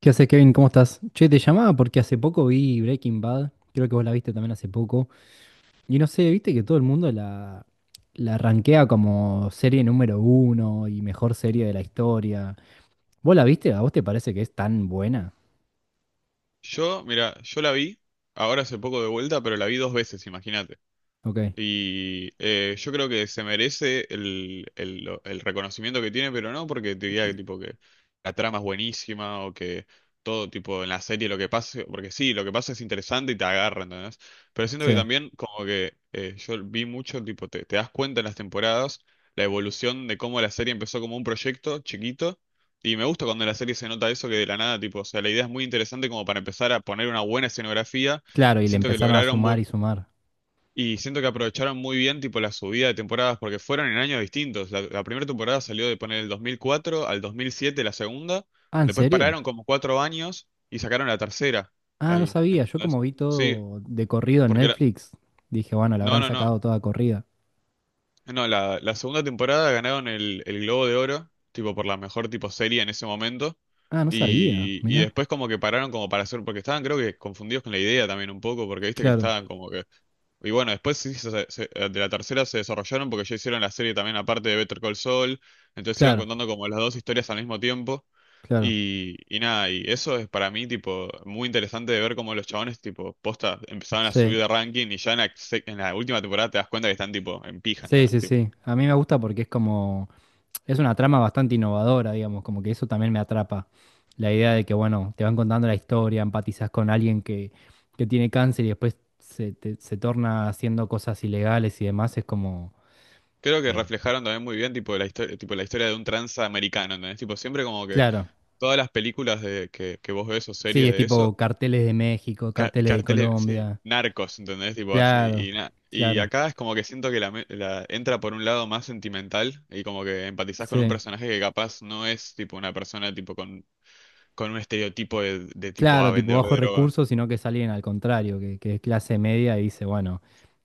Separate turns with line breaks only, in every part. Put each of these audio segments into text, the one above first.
¿Qué haces, Kevin? ¿Cómo estás? Che, te llamaba porque hace poco vi Breaking Bad, creo que vos la viste también hace poco, y no sé, viste que todo el mundo la rankea como serie número uno y mejor serie de la historia. ¿Vos la viste? ¿A vos te parece que es tan buena?
Yo, mira, yo la vi, ahora hace poco de vuelta, pero la vi dos veces, imagínate.
Ok,
Y yo creo que se merece el reconocimiento que tiene, pero no porque te diga que, tipo, que la trama es buenísima o que todo tipo en la serie lo que pase, porque sí, lo que pasa es interesante y te agarra, ¿entendés? Pero siento que
sí.
también como que yo vi mucho, tipo, te das cuenta en las temporadas la evolución de cómo la serie empezó como un proyecto chiquito. Y me gusta cuando en la serie se nota eso que de la nada, tipo, o sea, la idea es muy interesante como para empezar a poner una buena escenografía
Claro,
y
y le
siento que
empezaron a
lograron...
sumar
bu-
y sumar.
y siento que aprovecharon muy bien tipo la subida de temporadas porque fueron en años distintos. La primera temporada salió de poner el 2004 al 2007 la segunda,
Ah, ¿en
después
serio?
pararon como 4 años y sacaron la tercera.
Ah, no
Ahí,
sabía, yo
¿entendés?
como vi
Sí,
todo de corrido en
porque
Netflix, dije, bueno, la
no,
habrán
no, no,
sacado toda corrida.
no, la segunda temporada ganaron el Globo de Oro, tipo por la mejor tipo serie en ese momento.
Ah, no sabía,
Y
mirá.
después como que pararon como para hacer, porque estaban creo que confundidos con la idea también un poco, porque viste que
Claro,
estaban como que. Y bueno, después sí, de la tercera se desarrollaron porque ya hicieron la serie también aparte de Better Call Saul, entonces iban
claro,
contando como las dos historias al mismo tiempo.
claro,
Y nada, y eso es para mí tipo muy interesante de ver cómo los chabones tipo posta empezaban a
sí.
subir de ranking y ya en en la última temporada te das cuenta que están tipo en pija, ¿no?
Sí, sí, sí. A mí me gusta porque es como, es una trama bastante innovadora, digamos, como que eso también me atrapa. La idea
Mm.
de que, bueno, te van contando la historia, empatizás con alguien que tiene cáncer y después se torna haciendo cosas ilegales y demás, es como,
Creo que
eh,
reflejaron también muy bien tipo la historia de un tranza americano, ¿entendés? Tipo, siempre como que
claro.
todas las películas de que vos ves o
Sí,
series
es
de eso,
tipo carteles de México, carteles de
carteles, sí,
Colombia.
narcos, ¿entendés? Tipo así,
Claro,
y y
claro.
acá es como que siento que entra por un lado más sentimental y como que empatizás con un
Sí.
personaje que capaz no es tipo una persona tipo con un estereotipo de tipo A,
Claro, tipo
vendedor de
bajos
droga.
recursos, sino que salen al contrario, que es clase media y dice, bueno,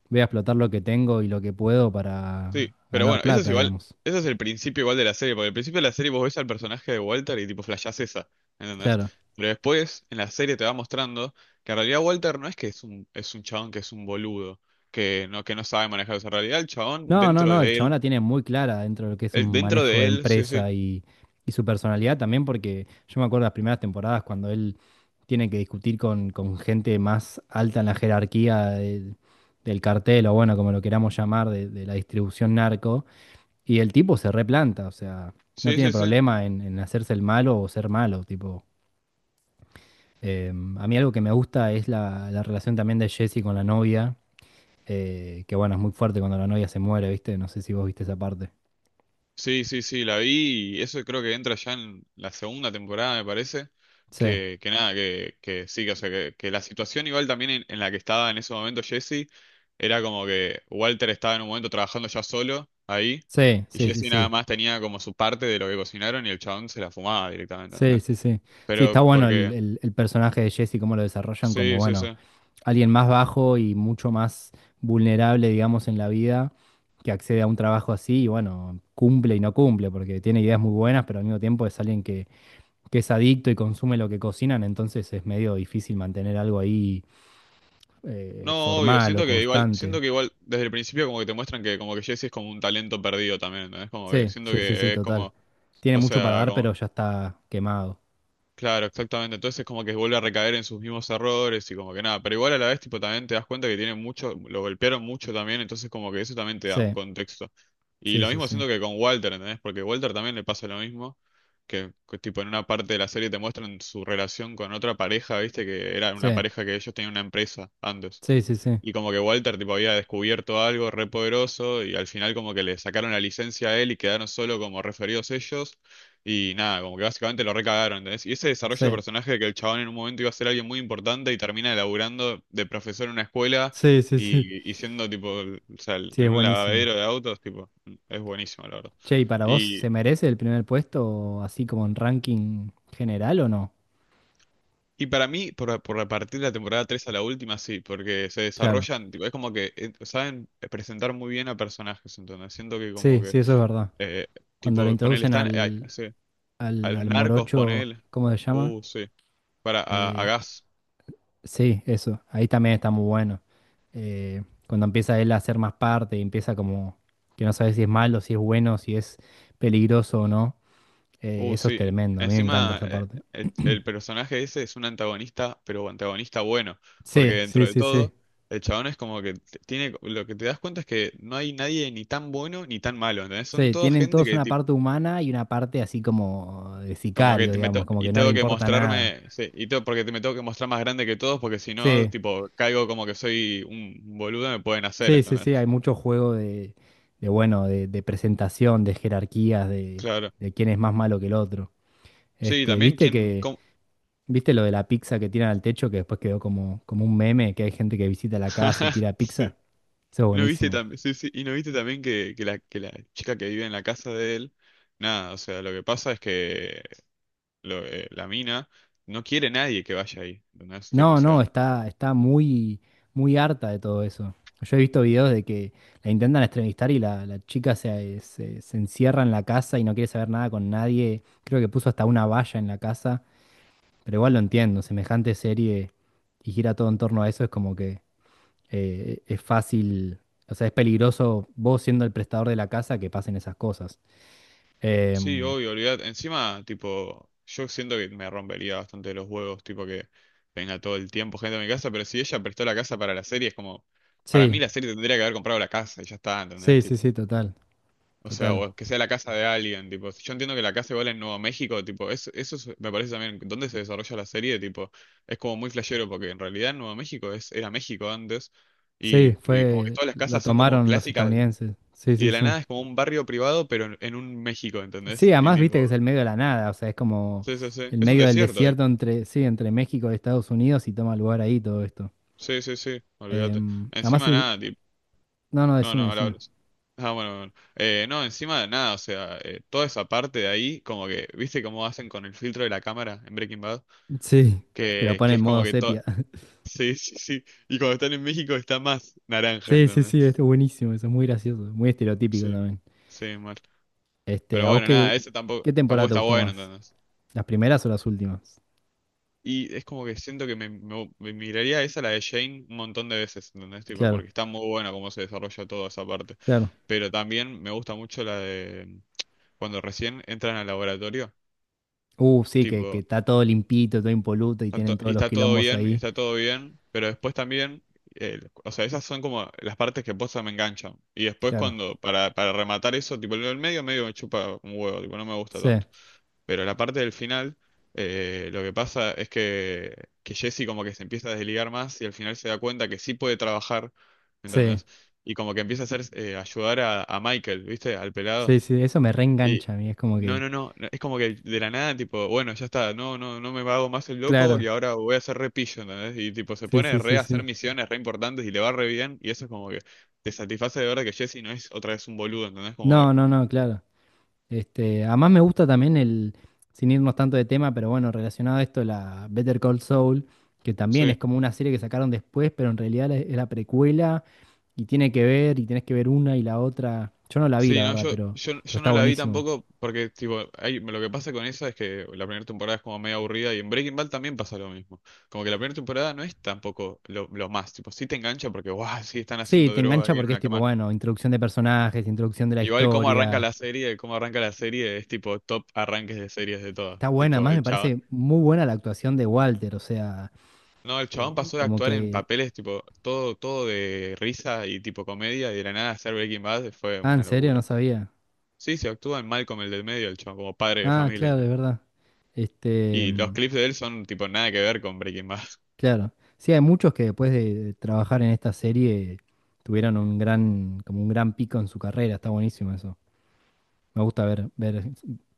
voy a explotar lo que tengo y lo que puedo para
Sí, pero
ganar
bueno, eso es
plata,
igual,
digamos.
eso es el principio igual de la serie, porque al principio de la serie vos ves al personaje de Walter y tipo flashás esa, ¿entendés?
Claro.
Pero después en la serie te va mostrando que en realidad Walter no es que es un chabón que es un boludo, que no sabe manejar esa realidad el chabón
No, no, no, el chabón la tiene muy clara dentro de lo que es un
dentro
manejo de
de él, sí, sí,
empresa y su personalidad también, porque yo me acuerdo las primeras temporadas cuando él tiene que discutir con gente más alta en la jerarquía del cartel, o bueno, como lo queramos llamar, de la distribución narco, y el tipo se replanta, o sea, no
sí,
tiene
sí, sí.
problema en hacerse el malo o ser malo, tipo. A mí algo que me gusta es la relación también de Jesse con la novia, que bueno, es muy fuerte cuando la novia se muere, ¿viste? No sé si vos viste esa parte.
Sí, sí, sí, la vi y eso creo que entra ya en la segunda temporada, me parece.
Sí,
Que nada, que sí, que, o sea, que la situación igual también en la que estaba en ese momento Jesse era como que Walter estaba en un momento trabajando ya solo ahí
sí,
y
sí, sí,
Jesse nada
sí.
más tenía como su parte de lo que cocinaron y el chabón se la fumaba directamente.
Sí,
¿Entendés?
sí, sí. Sí, está
Pero
bueno
porque,
el personaje de Jesse, cómo lo desarrollan como,
sí, sí,
bueno,
sí.
alguien más bajo y mucho más vulnerable, digamos, en la vida, que accede a un trabajo así y bueno, cumple y no cumple, porque tiene ideas muy buenas, pero al mismo tiempo es alguien que es adicto y consume lo que cocinan, entonces es medio difícil mantener algo ahí,
No, obvio,
formal o
siento que igual,
constante.
siento que igual desde el principio como que te muestran que como que Jesse es como un talento perdido también, ¿entendés? Como que
Sí,
siento
sí, sí, sí,
que es
total.
como.
Tiene
O
mucho para
sea,
dar,
como,
pero ya está quemado.
claro, exactamente. Entonces como que vuelve a recaer en sus mismos errores y como que nada. Pero igual a la vez, tipo, también te das cuenta que tiene mucho, lo golpearon mucho también, entonces como que eso también te da un
Sí,
contexto. Y
sí,
lo
sí,
mismo
sí.
siento que con Walter, ¿entendés? Porque Walter también le pasa lo mismo, tipo en una parte de la serie te muestran su relación con otra pareja, ¿viste? Que era
Sí,
una pareja que ellos tenían una empresa antes.
sí, sí, sí.
Y como que Walter tipo había descubierto algo re poderoso y al final como que le sacaron la licencia a él y quedaron solo como referidos ellos. Y nada, como que básicamente lo recagaron, ¿entendés? Y ese desarrollo de
Sí,
personaje de que el chabón en un momento iba a ser alguien muy importante y termina laburando de profesor en una escuela
sí, sí, sí.
y siendo tipo, o sea,
Sí, es
en un
buenísimo.
lavadero de autos, tipo, es buenísimo, la verdad.
Che, ¿y para vos
Y,
se merece el primer puesto así como en ranking general o no?
y para mí, por repartir la temporada 3 a la última, sí, porque se
Claro.
desarrollan, tipo, es como que saben presentar muy bien a personajes, entonces siento que como
Sí, sí,
que,
eso es verdad.
eh,
Cuando lo
tipo, ponele,
introducen
están, sí, a los
al
narcos,
morocho,
ponele,
¿cómo se llama?
sí, para, a
Eh,
Gas.
Sí, eso. Ahí también está muy bueno. Eh, Cuando empieza él a hacer más parte y empieza como que no sabes si es malo, si es bueno, si es peligroso o no. Eso es
Sí.
tremendo. A mí me encanta
Encima,
esa parte.
el personaje ese es un antagonista, pero antagonista bueno, porque
Sí, sí,
dentro de
sí, sí.
todo, el chabón es como que tiene, lo que te das cuenta es que no hay nadie ni tan bueno ni tan malo, ¿entendés? Son
Sí,
toda
tienen
gente
todos
que
una
tipo,
parte humana y una parte así como de
como que
sicario,
te
digamos,
meto
como
y
que no le
tengo que
importa nada.
mostrarme, sí, y tengo, porque te me tengo que mostrar más grande que todos, porque si no,
Sí,
tipo, caigo como que soy un boludo, me pueden hacer,
sí, sí,
¿entendés?
sí. Hay mucho juego de bueno, de presentación, de jerarquías,
Claro.
de quién es más malo que el otro.
Sí,
Este,
también
viste
quién,
que, viste lo de la pizza que tiran al techo que después quedó como, como un meme, que hay gente que visita la casa y tira
sí.
pizza. Eso es
¿No viste
buenísimo.
también? Sí, sí. Y no viste también que la chica que vive en la casa de él, nada, o sea, lo que pasa es que la mina no quiere nadie que vaya ahí. No es tipo, o
No, no,
sea,
está, está muy, muy harta de todo eso. Yo he visto videos de que la intentan entrevistar y la chica se encierra en la casa y no quiere saber nada con nadie. Creo que puso hasta una valla en la casa, pero igual lo entiendo, semejante serie y gira todo en torno a eso, es como que es fácil, o sea, es peligroso vos siendo el prestador de la casa que pasen esas cosas.
sí,
Em,
obvio, olvidate. Encima, tipo, yo siento que me rompería bastante los huevos, tipo que venga todo el tiempo gente a mi casa, pero si ella prestó la casa para la serie, es como, para mí
sí,
la serie tendría que haber comprado la casa y ya está, ¿entendés?
sí, sí, sí, total,
O sea,
total.
o que sea la casa de alguien, tipo. Yo entiendo que la casa igual en Nuevo México, tipo, me parece también dónde se desarrolla la serie, tipo, es como muy flashero, porque en realidad en Nuevo México es, era México antes,
Sí,
y como que
fue,
todas las
lo
casas son como
tomaron los
clásicas,
estadounidenses. Sí,
y
sí,
de la
sí.
nada es como un barrio privado, pero en un México,
Sí,
¿entendés? Y
además
tipo,
viste que es el medio de la nada, o sea, es como
sí, sí, sí.
el
Es un
medio del
desierto ahí.
desierto entre, sí, entre México y Estados Unidos y toma lugar ahí todo esto.
Sí, sí, sí, olvídate.
Además,
Encima nada, tipo.
no, no,
No, no,
decime,
ahora
decime.
hablas. Ah, bueno, bueno. No, encima de nada, o sea, toda esa parte de ahí, como que, ¿viste cómo hacen con el filtro de la cámara en Breaking Bad?
Sí, que lo
que,
pone
que
en
es como
modo
que todo.
sepia.
Sí, sí, sí. Y cuando están en México está más naranja,
Sí, sí,
¿entendés?
sí, esto es buenísimo, eso es muy gracioso, muy estereotípico
Sí,
también.
sí, mal.
Este,
Pero
¿a vos
bueno, nada,
qué,
ese tampoco,
qué
tampoco
temporada te
está
gustó
bueno,
más?
¿entendés?
¿Las primeras o las últimas?
Y es como que siento que me miraría esa, la de Jane, un montón de veces, ¿entendés? Tipo,
Claro,
porque está muy buena cómo se desarrolla toda esa parte.
claro.
Pero también me gusta mucho la de cuando recién entran al laboratorio.
Sí, que
Tipo,
está todo limpito, todo impoluto y
Está
tienen
to- Y
todos los
está todo
quilombos
bien, y
ahí.
está todo bien, pero después también, eh, o sea, esas son como las partes que posta me enganchan. Y después
Claro.
cuando, para rematar eso, tipo, lo del medio, medio me chupa un huevo, tipo, no me gusta
Sí,
tanto. Pero la parte del final, lo que pasa es que Jesse como que se empieza a desligar más y al final se da cuenta que sí puede trabajar,
sí,
¿entendés? Y como que empieza a hacer, ayudar a Michael, ¿viste? Al
sí,
pelado.
sí. Eso me reengancha a mí. Es como
No,
que.
no, no, no, es como que de la nada, tipo, bueno, ya está, no, no, no me hago más el loco y
Claro.
ahora voy a hacer repillo, ¿entendés? Y tipo, se
Sí,
pone
sí,
re
sí,
a hacer
sí.
misiones re importantes y le va re bien y eso es como que te satisface de ver que Jesse no es otra vez un boludo, ¿entendés? Como que,
No, no, no, claro. Este, además me gusta también el, sin irnos tanto de tema, pero bueno, relacionado a esto, la Better Call Saul, que también es
sí,
como una serie que sacaron después, pero en realidad es la precuela y tiene que ver, y tenés que ver una y la otra. Yo no la vi,
sí,
la
no,
verdad,
yo, yo,
pero
yo
está
no la vi
buenísimo.
tampoco porque, tipo, hay, lo que pasa con esa es que la primera temporada es como medio aburrida y en Breaking Bad también pasa lo mismo. Como que la primera temporada no es tampoco lo más, tipo, sí te engancha porque, guau, sí están
Sí,
haciendo
te
droga
engancha
ahí en
porque es
una
tipo,
cama.
bueno, introducción de personajes, introducción de la
Igual cómo arranca
historia.
la serie, cómo arranca la serie es tipo top arranques de series de todas.
Está buena,
Tipo,
más me
el chabón.
parece muy buena la actuación de Walter, o sea,
No, el chabón pasó de
como
actuar en
que...
papeles tipo todo, todo de risa y tipo comedia y de la nada hacer Breaking Bad fue
Ah, ¿en
una
serio?
locura.
No sabía.
Sí, se actúa en Malcolm el del medio, el chabón, como padre de
Ah,
familia.
claro,
¿No?
es verdad. Este,
Y los clips de él son tipo nada que ver con Breaking Bad.
claro. Sí, hay muchos que después de trabajar en esta serie tuvieron un gran, como un gran pico en su carrera, está buenísimo eso. Me gusta ver, ver,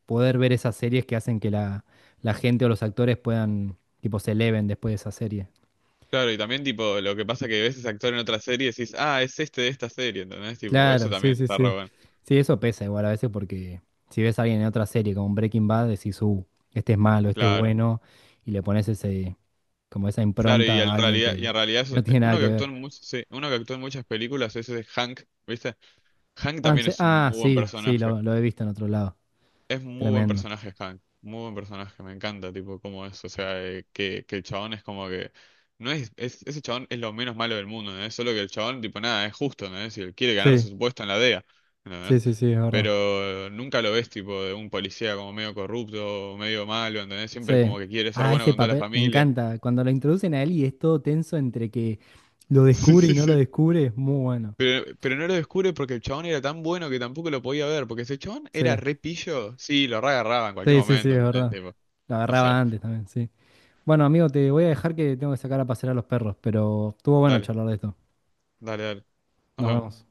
poder ver esas series que hacen que la gente o los actores puedan, tipo, se eleven después de esa serie.
Claro, y también tipo lo que pasa que ves ese actor en otra serie y decís, ah, es este de esta serie, ¿entendés? Tipo, eso
Claro, sí,
también
sí,
está re
sí.
bueno.
Sí, eso pesa igual a veces porque si ves a alguien en otra serie como Breaking Bad, decís, este es malo, este es
Claro.
bueno, y le pones ese, como esa
Claro, y
impronta a
en
alguien
realidad, y
que
en realidad es-
no tiene
uno
nada
que
que
actuó
ver.
en much- sí, uno que actuó en muchas películas es ese Hank, ¿viste? Hank también es un
Ah,
muy buen
sí, sí,
personaje.
lo he visto en otro lado.
Es muy buen
Tremendo.
personaje Hank, muy buen personaje, me encanta, tipo, cómo es, o sea, que el chabón es como que no es, ese chabón es lo menos malo del mundo, ¿no? es? Solo que el chabón, tipo, nada, es justo, ¿no? es? Si él quiere ganarse
Sí,
su puesto en la DEA, ¿entendés?
sí, sí, sí, es verdad.
Pero nunca lo ves, tipo, de un policía como medio corrupto, medio malo, ¿entendés? Siempre es
Sí.
como que quiere ser
Ah,
bueno
ese
con toda la
papel, me
familia.
encanta. Cuando lo introducen a él y es todo tenso entre que lo
Sí,
descubre y
sí,
no lo
sí.
descubre, es muy bueno.
Pero no lo descubre porque el chabón era tan bueno que tampoco lo podía ver, porque si el chabón era
Sí,
re pillo, sí, lo re agarraba en cualquier
sí, sí, sí,
momento,
es
¿entendés?
verdad.
Tipo,
Lo
o
agarraba
sea,
antes también, sí. Bueno, amigo, te voy a dejar que tengo que sacar a pasear a los perros, pero estuvo bueno
dale,
charlar de esto.
dale, dale, nos
Nos
vemos.
vemos.